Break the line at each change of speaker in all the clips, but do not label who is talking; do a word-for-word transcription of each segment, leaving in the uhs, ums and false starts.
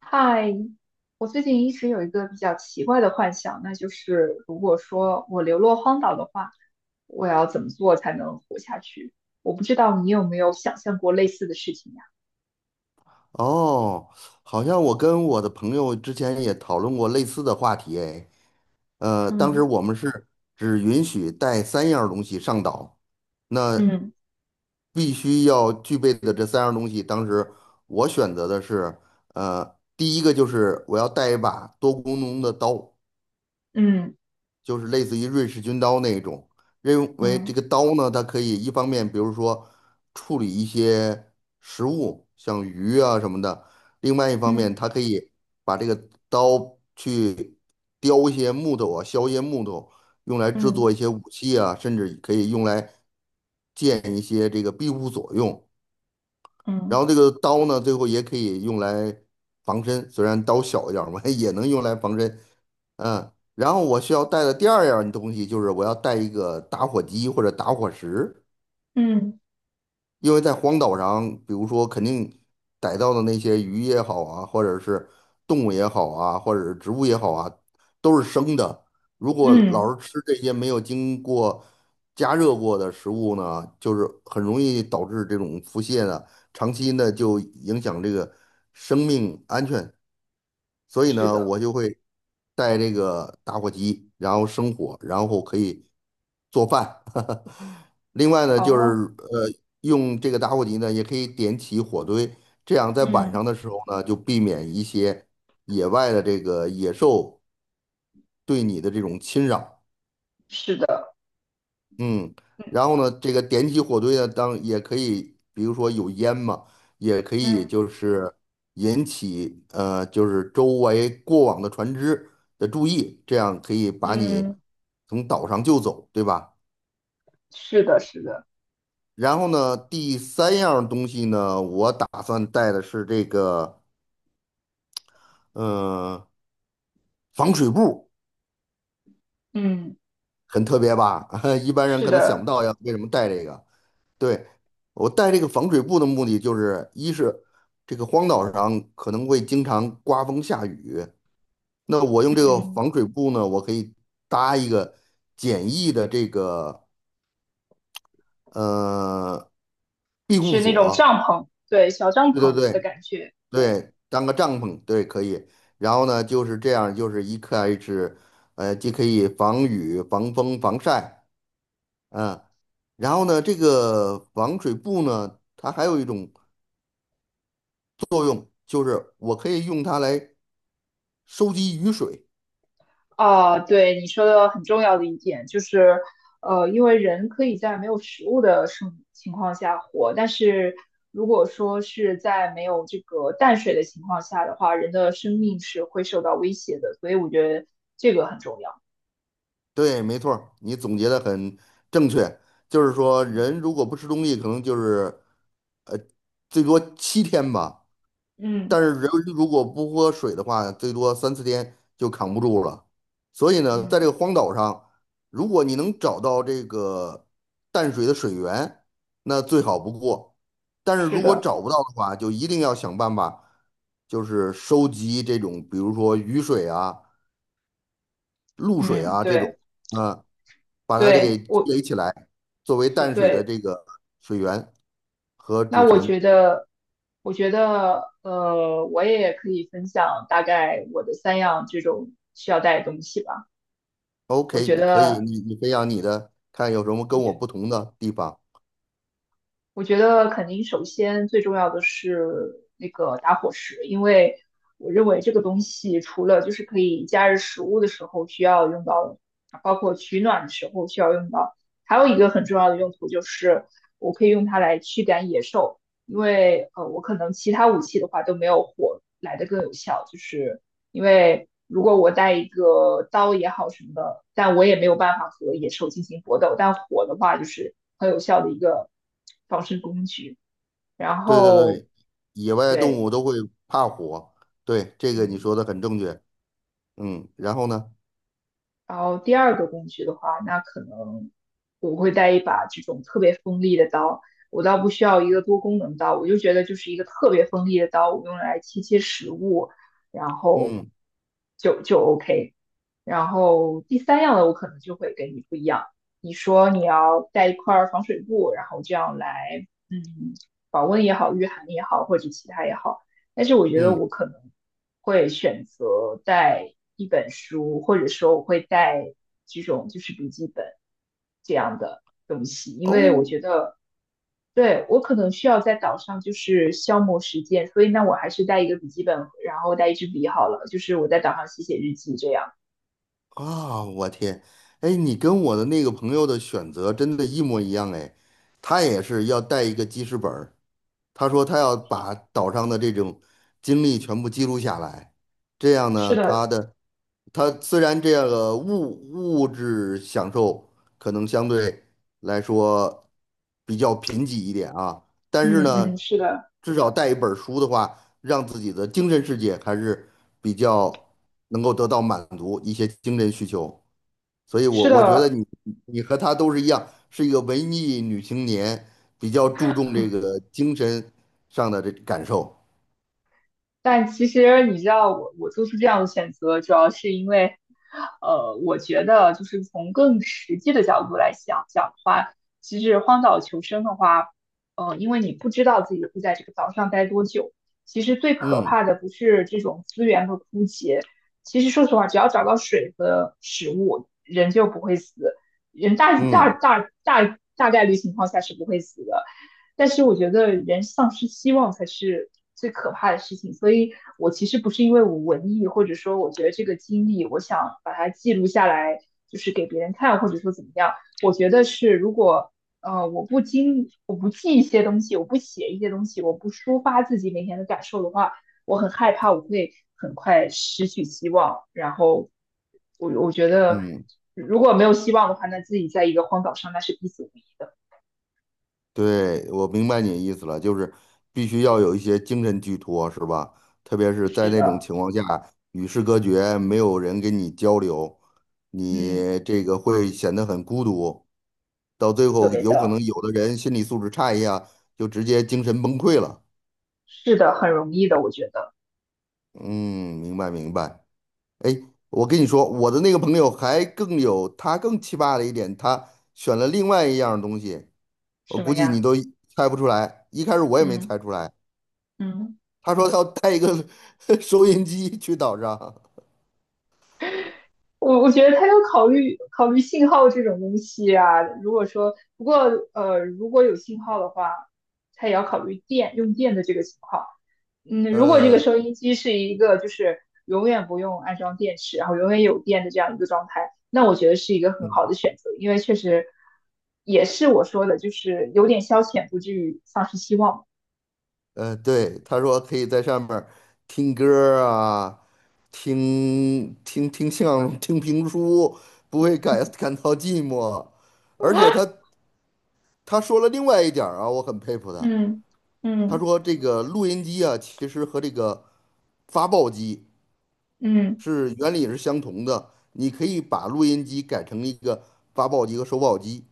嗨，我最近一直有一个比较奇怪的幻想，那就是如果说我流落荒岛的话，我要怎么做才能活下去？我不知道你有没有想象过类似的事情呀？
哦，好像我跟我的朋友之前也讨论过类似的话题，哎，呃，当时
嗯
我们是只允许带三样儿东西上岛，那
嗯
必须要具备的这三样儿东西，当时我选择的是，呃，第一个就是我要带一把多功能的刀，
嗯
就是类似于瑞士军刀那一种，认为这
嗯
个刀呢，它可以一方面，比如说处理一些食物，像鱼啊什么的；另外一方面，
嗯
它可以把这个刀去雕一些木头啊，削一些木头，用来制作
嗯
一些武器啊，甚至可以用来建一些这个庇护所用。然
嗯
后这个刀呢，最后也可以用来防身，虽然刀小一点儿嘛，也能用来防身。嗯，然后我需要带的第二样东西就是我要带一个打火机或者打火石。
嗯
因为在荒岛上，比如说肯定逮到的那些鱼也好啊，或者是动物也好啊，或者是植物也好啊，都是生的。如果
嗯。
老是吃这些没有经过加热过的食物呢，就是很容易导致这种腹泻的，长期呢就影响这个生命安全。所以
是
呢，
的。
我就会带这个打火机，然后生火，然后可以做饭。另外呢，就
哦。
是呃，用这个打火机呢，也可以点起火堆，这样在晚
嗯。
上的时候呢，就避免一些野外的这个野兽对你的这种侵扰。
是的。
嗯，然后呢，这个点起火堆呢，当也可以，比如说有烟嘛，也可以
嗯
就是引起呃，就是周围过往的船只的注意，这样可以把你
嗯。
从岛上救走，对吧？
是的。是的。
然后呢，第三样东西呢，我打算带的是这个，嗯、防水布，
嗯。
很特别吧？一般人
是
可能想不
的。
到要为什么带这个。对，我带这个防水布的目的就是，一是这个荒岛上可能会经常刮风下雨，那我用这个
嗯。
防水布呢，我可以搭一个简易的这个呃庇护
是那种
所。
帐篷，对，小帐
对对
篷的
对，
感觉。对。
对，当个帐篷，对，可以。然后呢，就是这样，就是一开始，呃，既可以防雨、防风、防晒，嗯，然后呢，这个防水布呢，它还有一种作用，就是我可以用它来收集雨水。
啊，对你说的很重要的一点就是，呃，因为人可以在没有食物的生情况下活，但是如果说是在没有这个淡水的情况下的话，人的生命是会受到威胁的，所以我觉得这个很重要。
对，没错儿你总结的很正确。就是说，
嗯
人如果不吃东西，可能就是最多七天吧。
嗯
但是人如果不喝水的话，最多三四天就扛不住了。所以呢，在
嗯，
这个荒岛上，如果你能找到这个淡水的水源，那最好不过。但是
是
如果
的。
找不到的话，就一定要想办法，就是收集这种，比如说雨水啊、露水
嗯。
啊这
对
种，嗯、把它这给
对。
积
我
累起来，作为
所
淡水的
对。
这个水源和
那
储
我
存。
觉得，我觉得，呃，我也可以分享大概我的三样这种需要带的东西吧。我
OK,
觉
你可以，
得
你你培养你的，看有什么
我
跟我
觉
不同的地方。
我觉得肯定首先最重要的是那个打火石，因为我认为这个东西除了就是可以加热食物的时候需要用到，包括取暖的时候需要用到，还有一个很重要的用途就是我可以用它来驱赶野兽，因为呃我可能其他武器的话都没有火来的更有效，就是因为如果我带一个刀也好什么的，但我也没有办法和野兽进行搏斗，但火的话就是很有效的一个防身工具。然
对对
后，
对，野外动
对。
物都会怕火，对，这个你
嗯。
说的很正确。嗯，然后呢？
然后第二个工具的话，那可能我会带一把这种特别锋利的刀。我倒不需要一个多功能刀，我就觉得就是一个特别锋利的刀，我用来切切食物，然后
嗯
就就 OK。然后第三样呢，我可能就会跟你不一样。你说你要带一块儿防水布，然后这样来，嗯，保温也好，御寒也好，或者其他也好。但是我觉得
嗯，
我可能会选择带一本书，或者说我会带这种就是笔记本这样的东西，因为我
哦
觉得对我可能需要在岛上就是消磨时间，所以那我还是带一个笔记本，然后带一支笔好了，就是我在岛上写写日记这样。
啊，我天，哎，你跟我的那个朋友的选择真的一模一样哎，他也是要带一个记事本他说他要把岛上的这种经历全部记录下来，这样
是
呢，
的。
他的他虽然这个物物质享受可能相对来说比较贫瘠一点啊，但是
嗯嗯，
呢，
是的。
至少带一本儿书的话，让自己的精神世界还是比较能够得到满足一些精神需求。所以我
是
我觉得
的。
你你和她都是一样，是一个文艺女青年，比较注重这个精神上的这感受。
但其实你知道我，我做出这样的选择，主要是因为，呃，我觉得就是从更实际的角度来想讲的话，其实荒岛求生的话，呃，因为你不知道自己会在这个岛上待多久，其实最可
嗯
怕的不是这种资源和枯竭，其实说实话，只要找到水和食物，人就不会死，人大大
嗯
大大大概率情况下是不会死的。但是我觉得人丧失希望才是最可怕的事情，所以我其实不是因为我文艺，或者说我觉得这个经历，我想把它记录下来，就是给别人看，或者说怎么样。我觉得是，如果呃我不经我不记一些东西，我不写一些东西，我不抒发自己每天的感受的话，我很害怕我会很快失去希望。然后我我觉得
嗯，
如果没有希望的话，那自己在一个荒岛上那是必死无疑的。
对，我明白你的意思了，就是必须要有一些精神寄托，是吧？特别是在
是
那种
的。
情况下，与世隔绝，没有人跟你交流，
嗯。
你这个会显得很孤独，到最后
对
有可
的。
能有的人心理素质差一下，就直接精神崩溃了。
是的，很容易的，我觉得。
嗯，明白明白。哎，我跟你说，我的那个朋友还更有，他更奇葩的一点，他选了另外一样东西，我
什
估
么
计你
呀？
都猜不出来。一开始我也没
嗯
猜出来，
嗯。
他说他要带一个 收音机去岛上，
我我觉得他要考虑考虑信号这种东西啊。如果说不过呃，如果有信号的话，他也要考虑电用电的这个情况。嗯，如果这个
呃，
收音机是一个就是永远不用安装电池，然后永远有电的这样一个状态，那我觉得是一个很
嗯
好的选择，因为确实也是我说的，就是有点消遣，不至于丧失希望。
呃，对，他说可以在上面儿听歌儿啊，听听听相声、听评书，不会感感到寂寞。而且他 他说了另外一点儿啊，我很佩服他。
嗯
他
嗯。
说这个录音机啊，其实和这个发报机
嗯，
是原理也是相同的。你可以把录音机改成一个发报机和收报机，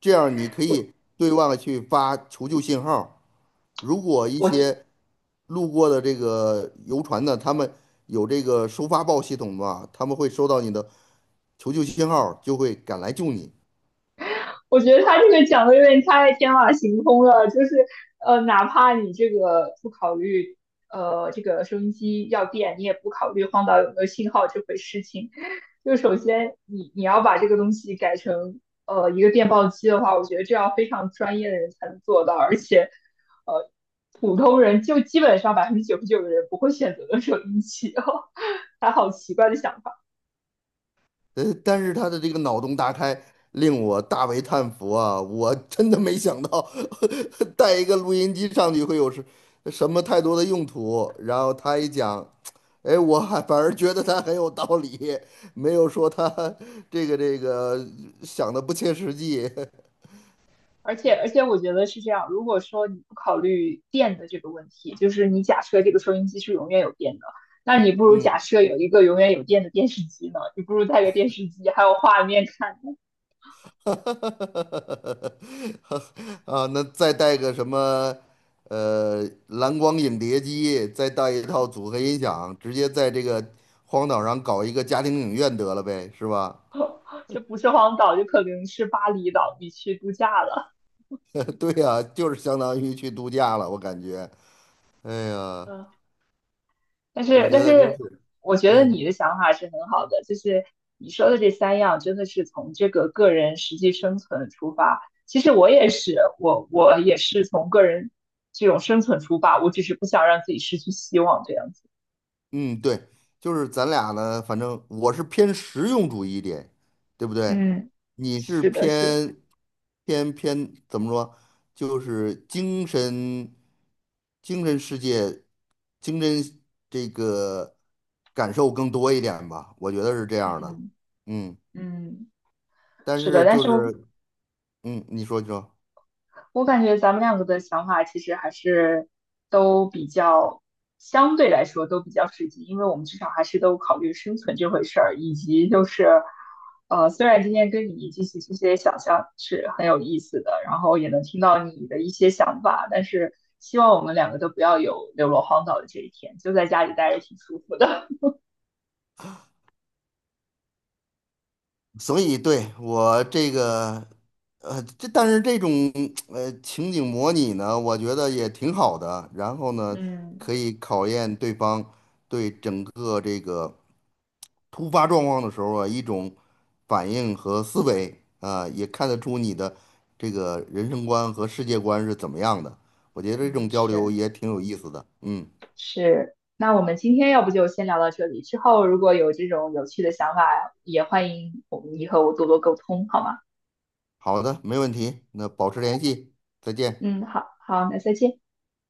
这样你可
我
以对外去发求救信号。如果一
我
些路过的这个游船呢，他们有这个收发报系统嘛，他们会收到你的求救信号，就会赶来救你。
我觉得他这个讲的有点太天马行空了，就是呃，哪怕你这个不考虑呃这个收音机要电，你也不考虑荒岛有没有信号这回事情，就首先你你要把这个东西改成呃一个电报机的话，我觉得这要非常专业的人才能做到，而且呃普通人就基本上百分之九十九的人不会选择的收音机哦，他好奇怪的想法。
呃，但是他的这个脑洞大开，令我大为叹服啊！我真的没想到 带一个录音机上去会有什什么太多的用途。然后他一讲，哎，我还反而觉得他很有道理，没有说他这个这个想的不切实际。
而且而且我觉得是这样，如果说你不考虑电的这个问题，就是你假设这个收音机是永远有电的，那你不如
嗯
假设有一个永远有电的电视机呢？你不如带个电视机，还有画面看呢。
哈，啊，那再带个什么，呃，蓝光影碟机，再带一套组合音响，直接在这个荒岛上搞一个家庭影院得了呗，是吧？
这不是荒岛，就可能是巴厘岛，你去度假了。
对呀，就是相当于去度假了，我感觉。哎呀，
嗯。但
我
是，
觉
但
得真
是，
是，
我觉得
嗯。
你的想法是很好的，就是你说的这三样，真的是从这个个人实际生存出发。其实我也是，我我也是从个人这种生存出发，我只是不想让自己失去希望这样子。
嗯，对，就是咱俩呢，反正我是偏实用主义一点，对不对？
嗯，
你是
是的。是的。
偏偏偏怎么说？就是精神精神世界，精神这个感受更多一点吧，我觉得是这样的。
嗯
嗯，
嗯，
但
是的。
是
但
就
是
是嗯，你说你说。
我感觉咱们两个的想法其实还是都比较，相对来说都比较实际，因为我们至少还是都考虑生存这回事儿，以及就是，呃，虽然今天跟你进行这些想象是很有意思的，然后也能听到你的一些想法，但是希望我们两个都不要有流落荒岛的这一天，就在家里待着挺舒服的。
所以对我这个，呃，这但是这种呃情景模拟呢，我觉得也挺好的。然后 呢，可
嗯
以考验对方对整个这个突发状况的时候啊一种反应和思维啊，也看得出你的这个人生观和世界观是怎么样的。我觉得这种
嗯，
交流
是。
也挺有意思的。嗯，
是，那我们今天要不就先聊到这里，之后如果有这种有趣的想法，也欢迎你和我们以后多多沟通，好吗？
好的，没问题。那保持联系，再见。
嗯，好，好，那再见。